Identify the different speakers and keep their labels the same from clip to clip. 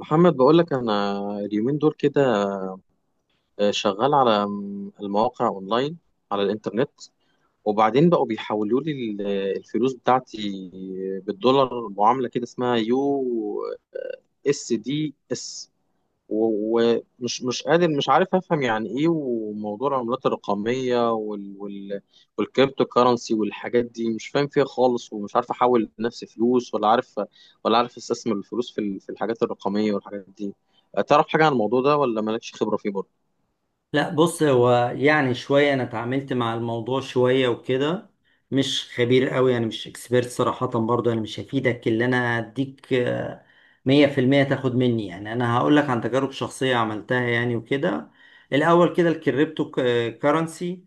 Speaker 1: محمد، بقول لك انا اليومين دول كده شغال على المواقع اونلاين على الانترنت. وبعدين بقوا بيحولوا لي الفلوس بتاعتي بالدولار، معاملة كده اسمها يو اس دي اس. ومش مش قادر، مش عارف افهم يعني ايه وموضوع العملات الرقميه والكريبتو كارنسي والحاجات دي. مش فاهم فيها خالص، ومش عارف احول لنفسي فلوس ولا عارف استثمر الفلوس في الحاجات الرقميه والحاجات دي. تعرف حاجه عن الموضوع ده ولا مالكش خبره فيه برضه؟
Speaker 2: لا، بص، هو يعني شوية أنا اتعاملت مع الموضوع شوية وكده. مش خبير قوي، يعني مش اكسبيرت صراحة. برضه أنا مش هفيدك اللي أنا أديك 100% تاخد مني، يعني أنا هقولك عن تجارب شخصية عملتها يعني وكده. الأول كده الكريبتو كارنسي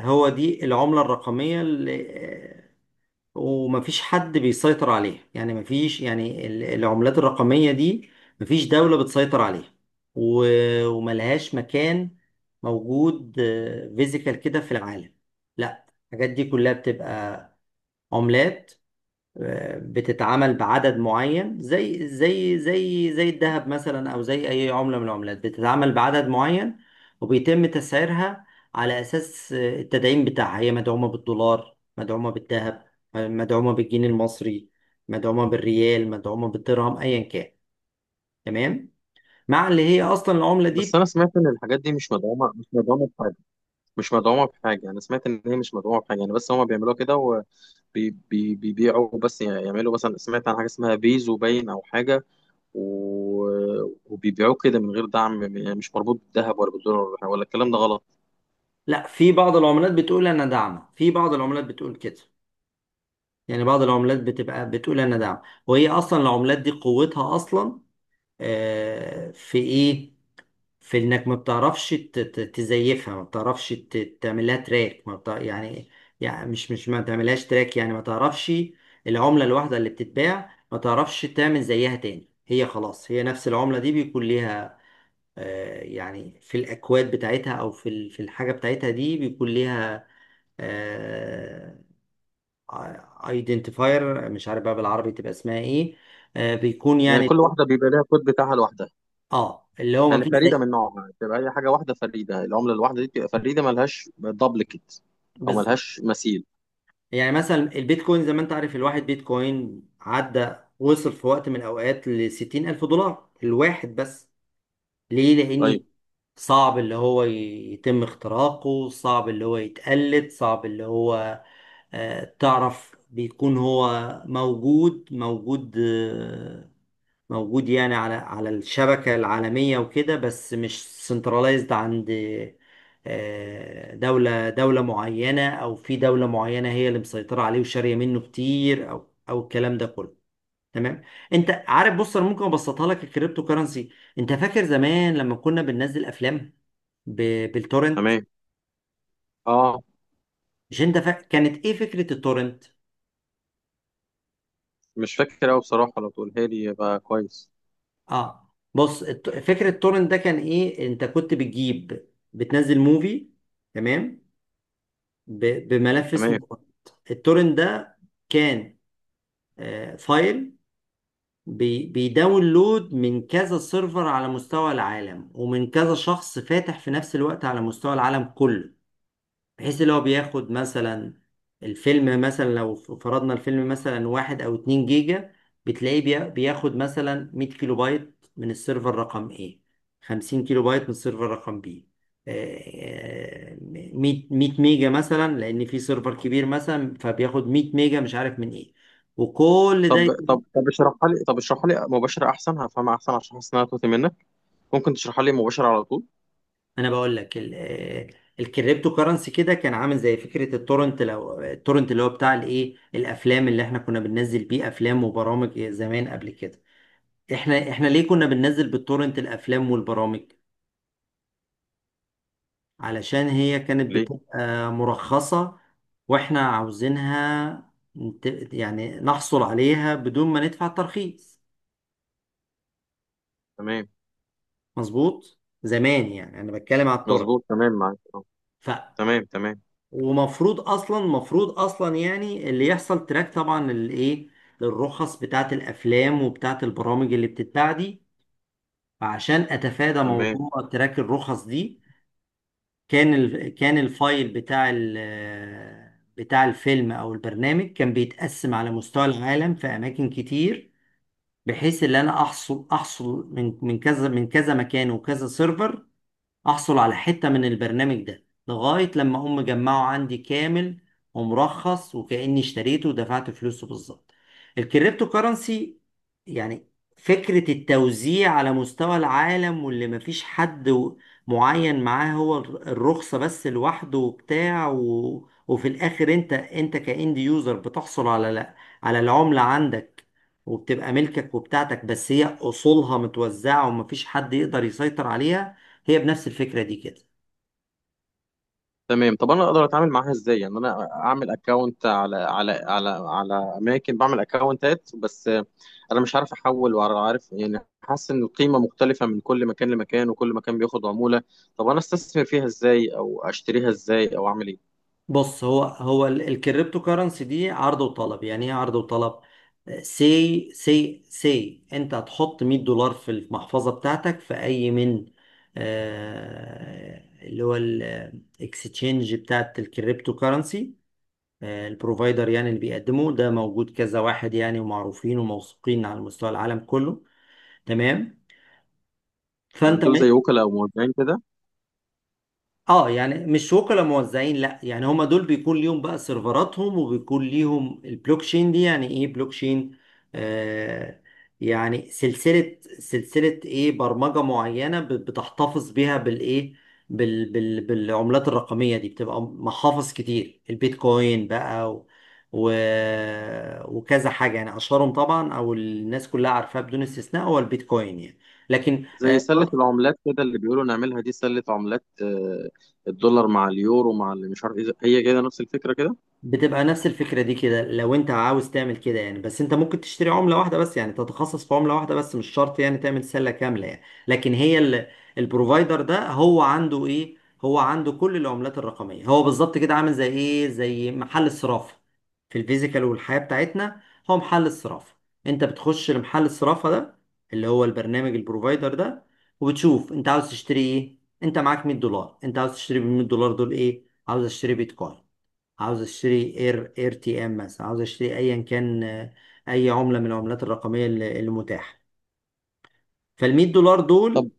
Speaker 2: هو دي العملة الرقمية، ومفيش حد بيسيطر عليها. يعني مفيش، يعني العملات الرقمية دي مفيش دولة بتسيطر عليها، وملهاش مكان موجود فيزيكال كده في العالم. لا، الحاجات دي كلها بتبقى عملات بتتعمل بعدد معين، زي الذهب مثلا، او زي اي عملة من العملات بتتعمل بعدد معين، وبيتم تسعيرها على اساس التدعيم بتاعها. هي مدعومة بالدولار، مدعومة بالذهب، مدعومة بالجنيه المصري، مدعومة بالريال، مدعومة بالدرهم، ايا كان. تمام. مع اللي هي اصلا العملة دي
Speaker 1: بس انا سمعت ان الحاجات دي مش مدعومه بحاجه. مش مدعومه بحاجه، انا سمعت ان هي مش مدعومه بحاجه يعني. بس هما بيعملوها كده وبيبيعوا، بس يعني يعملوا مثلا، سمعت عن حاجه اسمها بيزو باين او حاجه، وبيبيعوه كده من غير دعم، يعني مش مربوط بالذهب ولا بالدولار. ولا الكلام ده غلط؟
Speaker 2: لا، في بعض العملات بتقول انا داعمة، في بعض العملات بتقول كده يعني. بعض العملات بتبقى بتقول انا داعمة، وهي اصلا العملات دي قوتها اصلا في ايه؟ في انك ما بتعرفش تزيفها، ما بتعرفش تعملها تراك، ما بتع... يعني، يعني مش ما تعملهاش تراك، يعني ما تعرفش. العملة الواحدة اللي بتتباع ما تعرفش تعمل زيها تاني، هي خلاص هي نفس العملة دي بيكون ليها يعني في الأكواد بتاعتها، أو في في الحاجة بتاعتها دي بيكون ليها ايدنتيفاير. مش عارف بقى بالعربي تبقى اسمها ايه. بيكون
Speaker 1: يعني
Speaker 2: يعني
Speaker 1: كل واحده بيبقى لها كود بتاعها لوحدها.
Speaker 2: اه اللي هو ما
Speaker 1: يعني
Speaker 2: فيش
Speaker 1: فريده
Speaker 2: زي.
Speaker 1: من نوعها. بتبقى اي حاجه واحده فريده، العمله الواحده دي بتبقى فريده، ملهاش دبليكت او
Speaker 2: بالظبط.
Speaker 1: ملهاش مثيل.
Speaker 2: يعني مثلا البيتكوين، زي ما انت عارف، الواحد بيتكوين عدى وصل في وقت من الأوقات لستين ألف دولار الواحد بس. ليه؟
Speaker 1: طيب.
Speaker 2: لأني صعب اللي هو يتم اختراقه، صعب اللي هو يتقلد، صعب اللي هو تعرف، بيكون هو موجود. موجود يعني على الشبكة العالمية وكده، بس مش سنتراليزد عند دولة معينة، أو في دولة معينة هي اللي مسيطرة عليه وشارية منه كتير، أو الكلام ده كله. تمام. أنت عارف بص، أنا ممكن أبسطها لك الكريبتو كرنسي. أنت فاكر زمان لما كنا بننزل أفلام بالتورنت؟
Speaker 1: تمام. اه.
Speaker 2: مش أنت فا... كانت إيه فكرة التورنت؟
Speaker 1: مش فاكر قوي بصراحه، لو تقولها لي يبقى كويس.
Speaker 2: أه، بص، فكرة التورنت ده كان إيه، أنت كنت بتجيب، بتنزل موفي، تمام، بملف اسمه
Speaker 1: تمام.
Speaker 2: تورنت. التورنت ده كان فايل بيداونلود من كذا سيرفر على مستوى العالم، ومن كذا شخص فاتح في نفس الوقت على مستوى العالم كله، بحيث اللي هو بياخد مثلا الفيلم. مثلا لو فرضنا الفيلم مثلا واحد او اتنين جيجا، بتلاقيه بياخد مثلا 100 كيلو بايت من السيرفر رقم ايه، 50 كيلو بايت من السيرفر رقم بي، مية، 100 ميجا مثلا، لان في سيرفر كبير مثلا، فبياخد 100 ميجا مش عارف من ايه، وكل ده.
Speaker 1: طب اشرحها لي، طب اشرحها لي مباشره احسن، هفهمها احسن، عشان حاسس انها توتي منك. ممكن تشرحها لي مباشره على طول؟
Speaker 2: انا بقول لك الكريبتو كرنسي كده كان عامل زي فكره التورنت. لو التورنت اللي هو بتاع الايه، الافلام اللي احنا كنا بننزل بيه افلام وبرامج زمان قبل كده، احنا ليه كنا بننزل بالتورنت الافلام والبرامج؟ علشان هي كانت
Speaker 1: ليه؟
Speaker 2: بتبقى مرخصه، واحنا عاوزينها يعني نحصل عليها بدون ما ندفع ترخيص.
Speaker 1: تمام.
Speaker 2: مظبوط. زمان يعني، انا بتكلم على التورنت.
Speaker 1: مظبوط. تمام، معاك آه. تمام، تمام،
Speaker 2: ومفروض اصلا، مفروض اصلا يعني اللي يحصل تراك طبعا للايه، للرخص بتاعت الافلام وبتاعت البرامج اللي بتتباع دي. فعشان اتفادى
Speaker 1: تمام،
Speaker 2: موضوع تراك الرخص دي، كان الفايل بتاع الفيلم او البرنامج كان بيتقسم على مستوى العالم في اماكن كتير، بحيث ان انا احصل، احصل من كذا من كذا مكان وكذا سيرفر، احصل على حتة من البرنامج ده لغاية لما هم جمعوا عندي كامل ومرخص، وكأني اشتريته ودفعت فلوسه بالظبط. الكريبتو كرنسي يعني فكرة التوزيع على مستوى العالم، واللي مفيش حد معين معاه هو الرخصة بس لوحده وبتاع وفي الاخر انت كاند يوزر بتحصل على على العملة عندك، وبتبقى ملكك وبتاعتك، بس هي اصولها متوزعة ومفيش حد يقدر يسيطر عليها. هي بنفس الفكرة دي كده.
Speaker 1: تمام. طب انا اقدر اتعامل معاها ازاي؟ يعني انا اعمل اكونت على اماكن بعمل اكونتات. بس انا مش عارف احول ولا عارف، يعني حاسس ان القيمه مختلفه من كل مكان لمكان، وكل مكان بياخد عموله. طب انا استثمر فيها ازاي، او اشتريها ازاي، او اعمل ايه؟
Speaker 2: بص، الكريبتو كرنسي دي عرض وطلب. يعني ايه عرض وطلب؟ سي سي سي انت هتحط $100 في المحفظة بتاعتك في اي من اللي هو الاكستشينج بتاعت الكريبتو كرنسي. البروفايدر يعني اللي بيقدمه ده موجود كذا واحد يعني، ومعروفين وموثوقين على مستوى العالم كله. تمام،
Speaker 1: يعني
Speaker 2: فانت
Speaker 1: دول زي وكلاء او موزعين كده؟
Speaker 2: اه، يعني مش وكلاء موزعين لا، يعني هما دول بيكون ليهم بقى سيرفراتهم، وبيكون ليهم البلوك تشين دي. يعني ايه بلوك تشين؟ آه، يعني سلسلة، سلسلة ايه، برمجة معينة بتحتفظ بيها بالايه، بالعملات الرقمية دي. بتبقى محافظ كتير، البيتكوين بقى و و وكذا حاجة يعني. أشهرهم طبعا، أو الناس كلها عارفاها بدون استثناء، هو البيتكوين يعني. لكن
Speaker 1: زي سله العملات كده اللي بيقولوا نعملها دي، سله عملات آه، الدولار مع اليورو مع اللي مش عارف ايه هي، كده نفس الفكره كده.
Speaker 2: بتبقى نفس الفكرة دي كده، لو انت عاوز تعمل كده يعني. بس انت ممكن تشتري عملة واحدة بس، يعني تتخصص في عملة واحدة بس، مش شرط يعني تعمل سلة كاملة يعني. لكن هي البروفايدر ده هو عنده ايه؟ هو عنده كل العملات الرقمية. هو بالظبط كده عامل زي ايه، زي محل الصرافة في الفيزيكال والحياة بتاعتنا. هو محل الصرافة، انت بتخش لمحل الصرافة ده، اللي هو البرنامج البروفايدر ده، وبتشوف انت عاوز تشتري ايه. انت معاك $100، انت عاوز تشتري ب $100 دول ايه؟ عاوز اشتري بيتكوين، عاوز اشتري اير تي ام مثلا، عاوز اشتري ايا كان، اي عمله من العملات الرقميه اللي متاحه. فال $100
Speaker 1: طب
Speaker 2: دول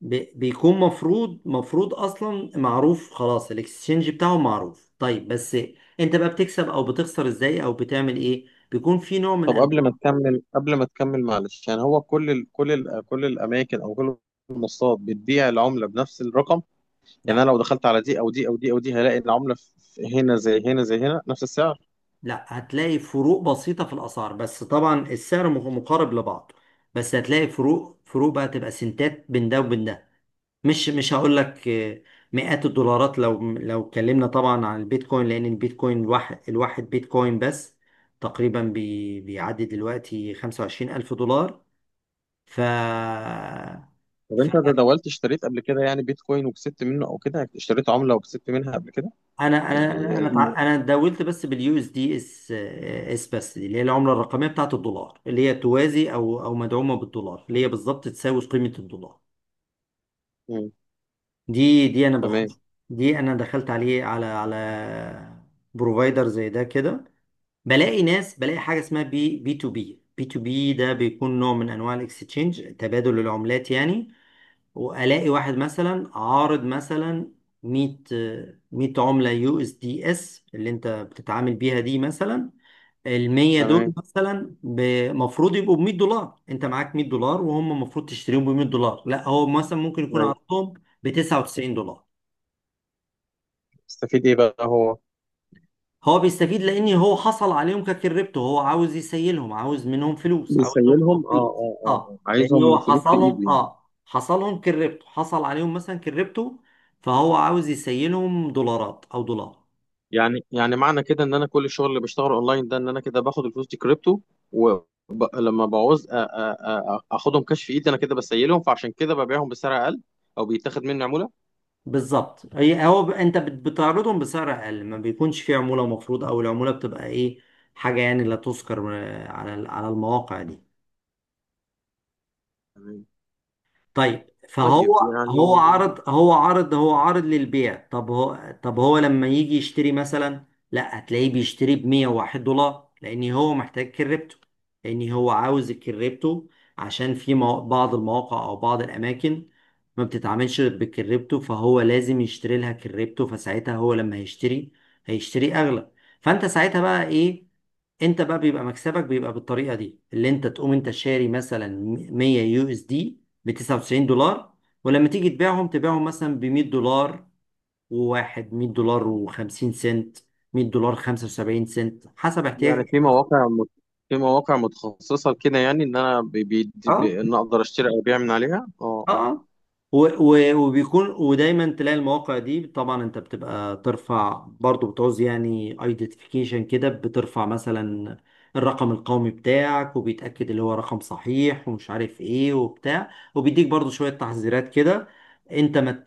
Speaker 2: بيكون مفروض، مفروض اصلا معروف خلاص، الاكسشينج بتاعهم معروف. طيب، بس انت بقى بتكسب او بتخسر ازاي، او بتعمل ايه؟ بيكون في نوع من
Speaker 1: طب قبل
Speaker 2: انواع...
Speaker 1: ما تكمل قبل ما تكمل معلش. يعني هو كل الاماكن او كل المنصات بتبيع العمله بنفس الرقم؟ يعني
Speaker 2: لا
Speaker 1: انا لو دخلت على دي او دي او دي او دي، هلاقي العمله هنا زي هنا زي هنا نفس السعر؟
Speaker 2: لا هتلاقي فروق بسيطه في الاسعار، بس طبعا السعر مقارب لبعضه. بس هتلاقي فروق بقى تبقى سنتات بين ده وبين ده. مش هقول لك مئات الدولارات، لو اتكلمنا طبعا عن البيتكوين. لان البيتكوين الواحد، بيتكوين بس تقريبا بيعدي دلوقتي 25,000 الف دولار. ف
Speaker 1: طب انت ده
Speaker 2: فانا،
Speaker 1: دولت اشتريت قبل كده؟ يعني بيتكوين وكسبت منه، او كده اشتريت عمله وكسبت منها قبل كده؟ يعني الم...
Speaker 2: أنا اتداولت بس باليو اس دي اس بس. دي اللي هي العمله الرقميه بتاعت الدولار، اللي هي توازي او مدعومه بالدولار، اللي هي بالظبط تساوي قيمه الدولار.
Speaker 1: مم.
Speaker 2: دي انا بخش،
Speaker 1: تمام،
Speaker 2: دي انا دخلت عليه على بروفايدر زي ده كده. بلاقي ناس، بلاقي حاجه اسمها بي تو بي. ده بيكون نوع من انواع الاكستشينج، تبادل العملات يعني. والاقي واحد مثلا عارض مثلا 100، 100 عمله يو اس دي اس اللي انت بتتعامل بيها دي. مثلا ال 100 دول
Speaker 1: تمام.
Speaker 2: مثلا المفروض يبقوا ب $100، انت معاك $100 وهم المفروض تشتريهم ب $100، لا هو مثلا ممكن يكون
Speaker 1: أيوة.
Speaker 2: عرضهم ب $99.
Speaker 1: استفيد ايه بقى هو؟
Speaker 2: هو بيستفيد لان هو حصل عليهم ككريبتو، هو عاوز يسيلهم، عاوز منهم فلوس، عاوز منهم
Speaker 1: بيسيلهم، اه
Speaker 2: فلوس
Speaker 1: اه اه
Speaker 2: اه،
Speaker 1: آه،
Speaker 2: لان هو
Speaker 1: عايزهم فلوس في
Speaker 2: حصلهم
Speaker 1: ايده يعني.
Speaker 2: اه حصلهم كريبتو، حصل عليهم مثلا كريبتو. فهو عاوز يسيلهم دولارات او دولار.
Speaker 1: يعني معنى كده ان انا كل الشغل اللي بشتغله اونلاين ده، ان انا كده باخد الفلوس دي كريبتو، ولما بعوز اخدهم كاش في ايدي، انا كده بسيلهم، فعشان كده ببيعهم بسعر اقل، او بيتاخد مني عمولة.
Speaker 2: بالظبط. هي هو انت بتعرضهم بسعر اقل، ما بيكونش فيه عمولة مفروض، او العمولة بتبقى ايه، حاجة يعني لا تذكر على على المواقع دي.
Speaker 1: تمام.
Speaker 2: طيب، فهو
Speaker 1: طيب. يعني
Speaker 2: هو عرض للبيع. طب هو، لما يجي يشتري مثلا، لا هتلاقيه بيشتري ب $101، لان هو محتاج كريبتو، لان هو عاوز الكريبتو. عشان في بعض المواقع او بعض الاماكن ما بتتعاملش بالكريبتو، فهو لازم يشتري لها كريبتو. فساعتها هو لما هيشتري، هيشتري اغلى. فانت ساعتها بقى ايه؟ انت بقى بيبقى مكسبك بيبقى بالطريقه دي، اللي انت تقوم انت شاري مثلا 100 يو اس دي ب $99، ولما تيجي تبيعهم تبيعهم مثلا ب $100، وواحد $100 و50 سنت، $100 75 سنت، حسب احتياجك.
Speaker 1: يعني في مواقع متخصصة كده، يعني ان انا
Speaker 2: اه.
Speaker 1: ان اقدر اشتري او ابيع من عليها. اه اه.
Speaker 2: اه، و و وبيكون، ودايما تلاقي المواقع دي طبعا، انت بتبقى ترفع برضو، بتعوز يعني ايدنتيفيكيشن كده، بترفع مثلا الرقم القومي بتاعك وبيتأكد اللي هو رقم صحيح ومش عارف ايه وبتاع، وبيديك برضو شوية تحذيرات كده. انت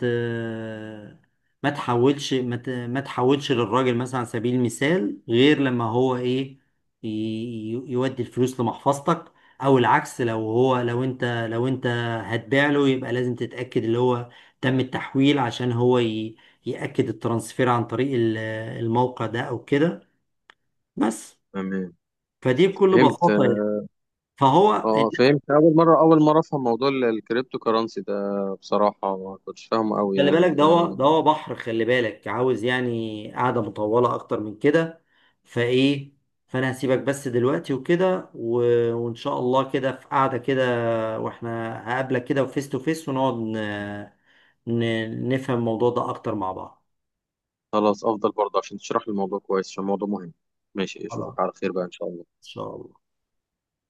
Speaker 2: ما تحولش للراجل مثلا على سبيل المثال، غير لما هو ايه يودي الفلوس لمحفظتك. او العكس، لو هو، لو انت هتبيع له يبقى لازم تتأكد اللي هو تم التحويل، عشان هو يأكد الترانسفير عن طريق الموقع ده أو كده. بس،
Speaker 1: تمام.
Speaker 2: فدي بكل
Speaker 1: فهمت.
Speaker 2: بساطة يعني. فهو
Speaker 1: اه
Speaker 2: الناس...
Speaker 1: فهمت. اول مرة، اول مرة افهم موضوع الكريبتو كرنسي ده بصراحة. ما كنتش فاهمه قوي
Speaker 2: خلي بالك،
Speaker 1: يعني.
Speaker 2: ده هو بحر. خلي بالك، عاوز يعني قعدة مطولة أكتر من كده. فإيه، فأنا هسيبك بس دلوقتي وكده وإن شاء الله كده في قعدة كده، وإحنا هقابلك كده وفيس تو فيس، ونقعد نفهم الموضوع ده أكتر مع بعض.
Speaker 1: خلاص، افضل برضه عشان تشرح لي الموضوع كويس، عشان الموضوع مهم. ماشي،
Speaker 2: خلاص
Speaker 1: اشوفك
Speaker 2: إن
Speaker 1: على خير بقى ان شاء الله.
Speaker 2: شاء الله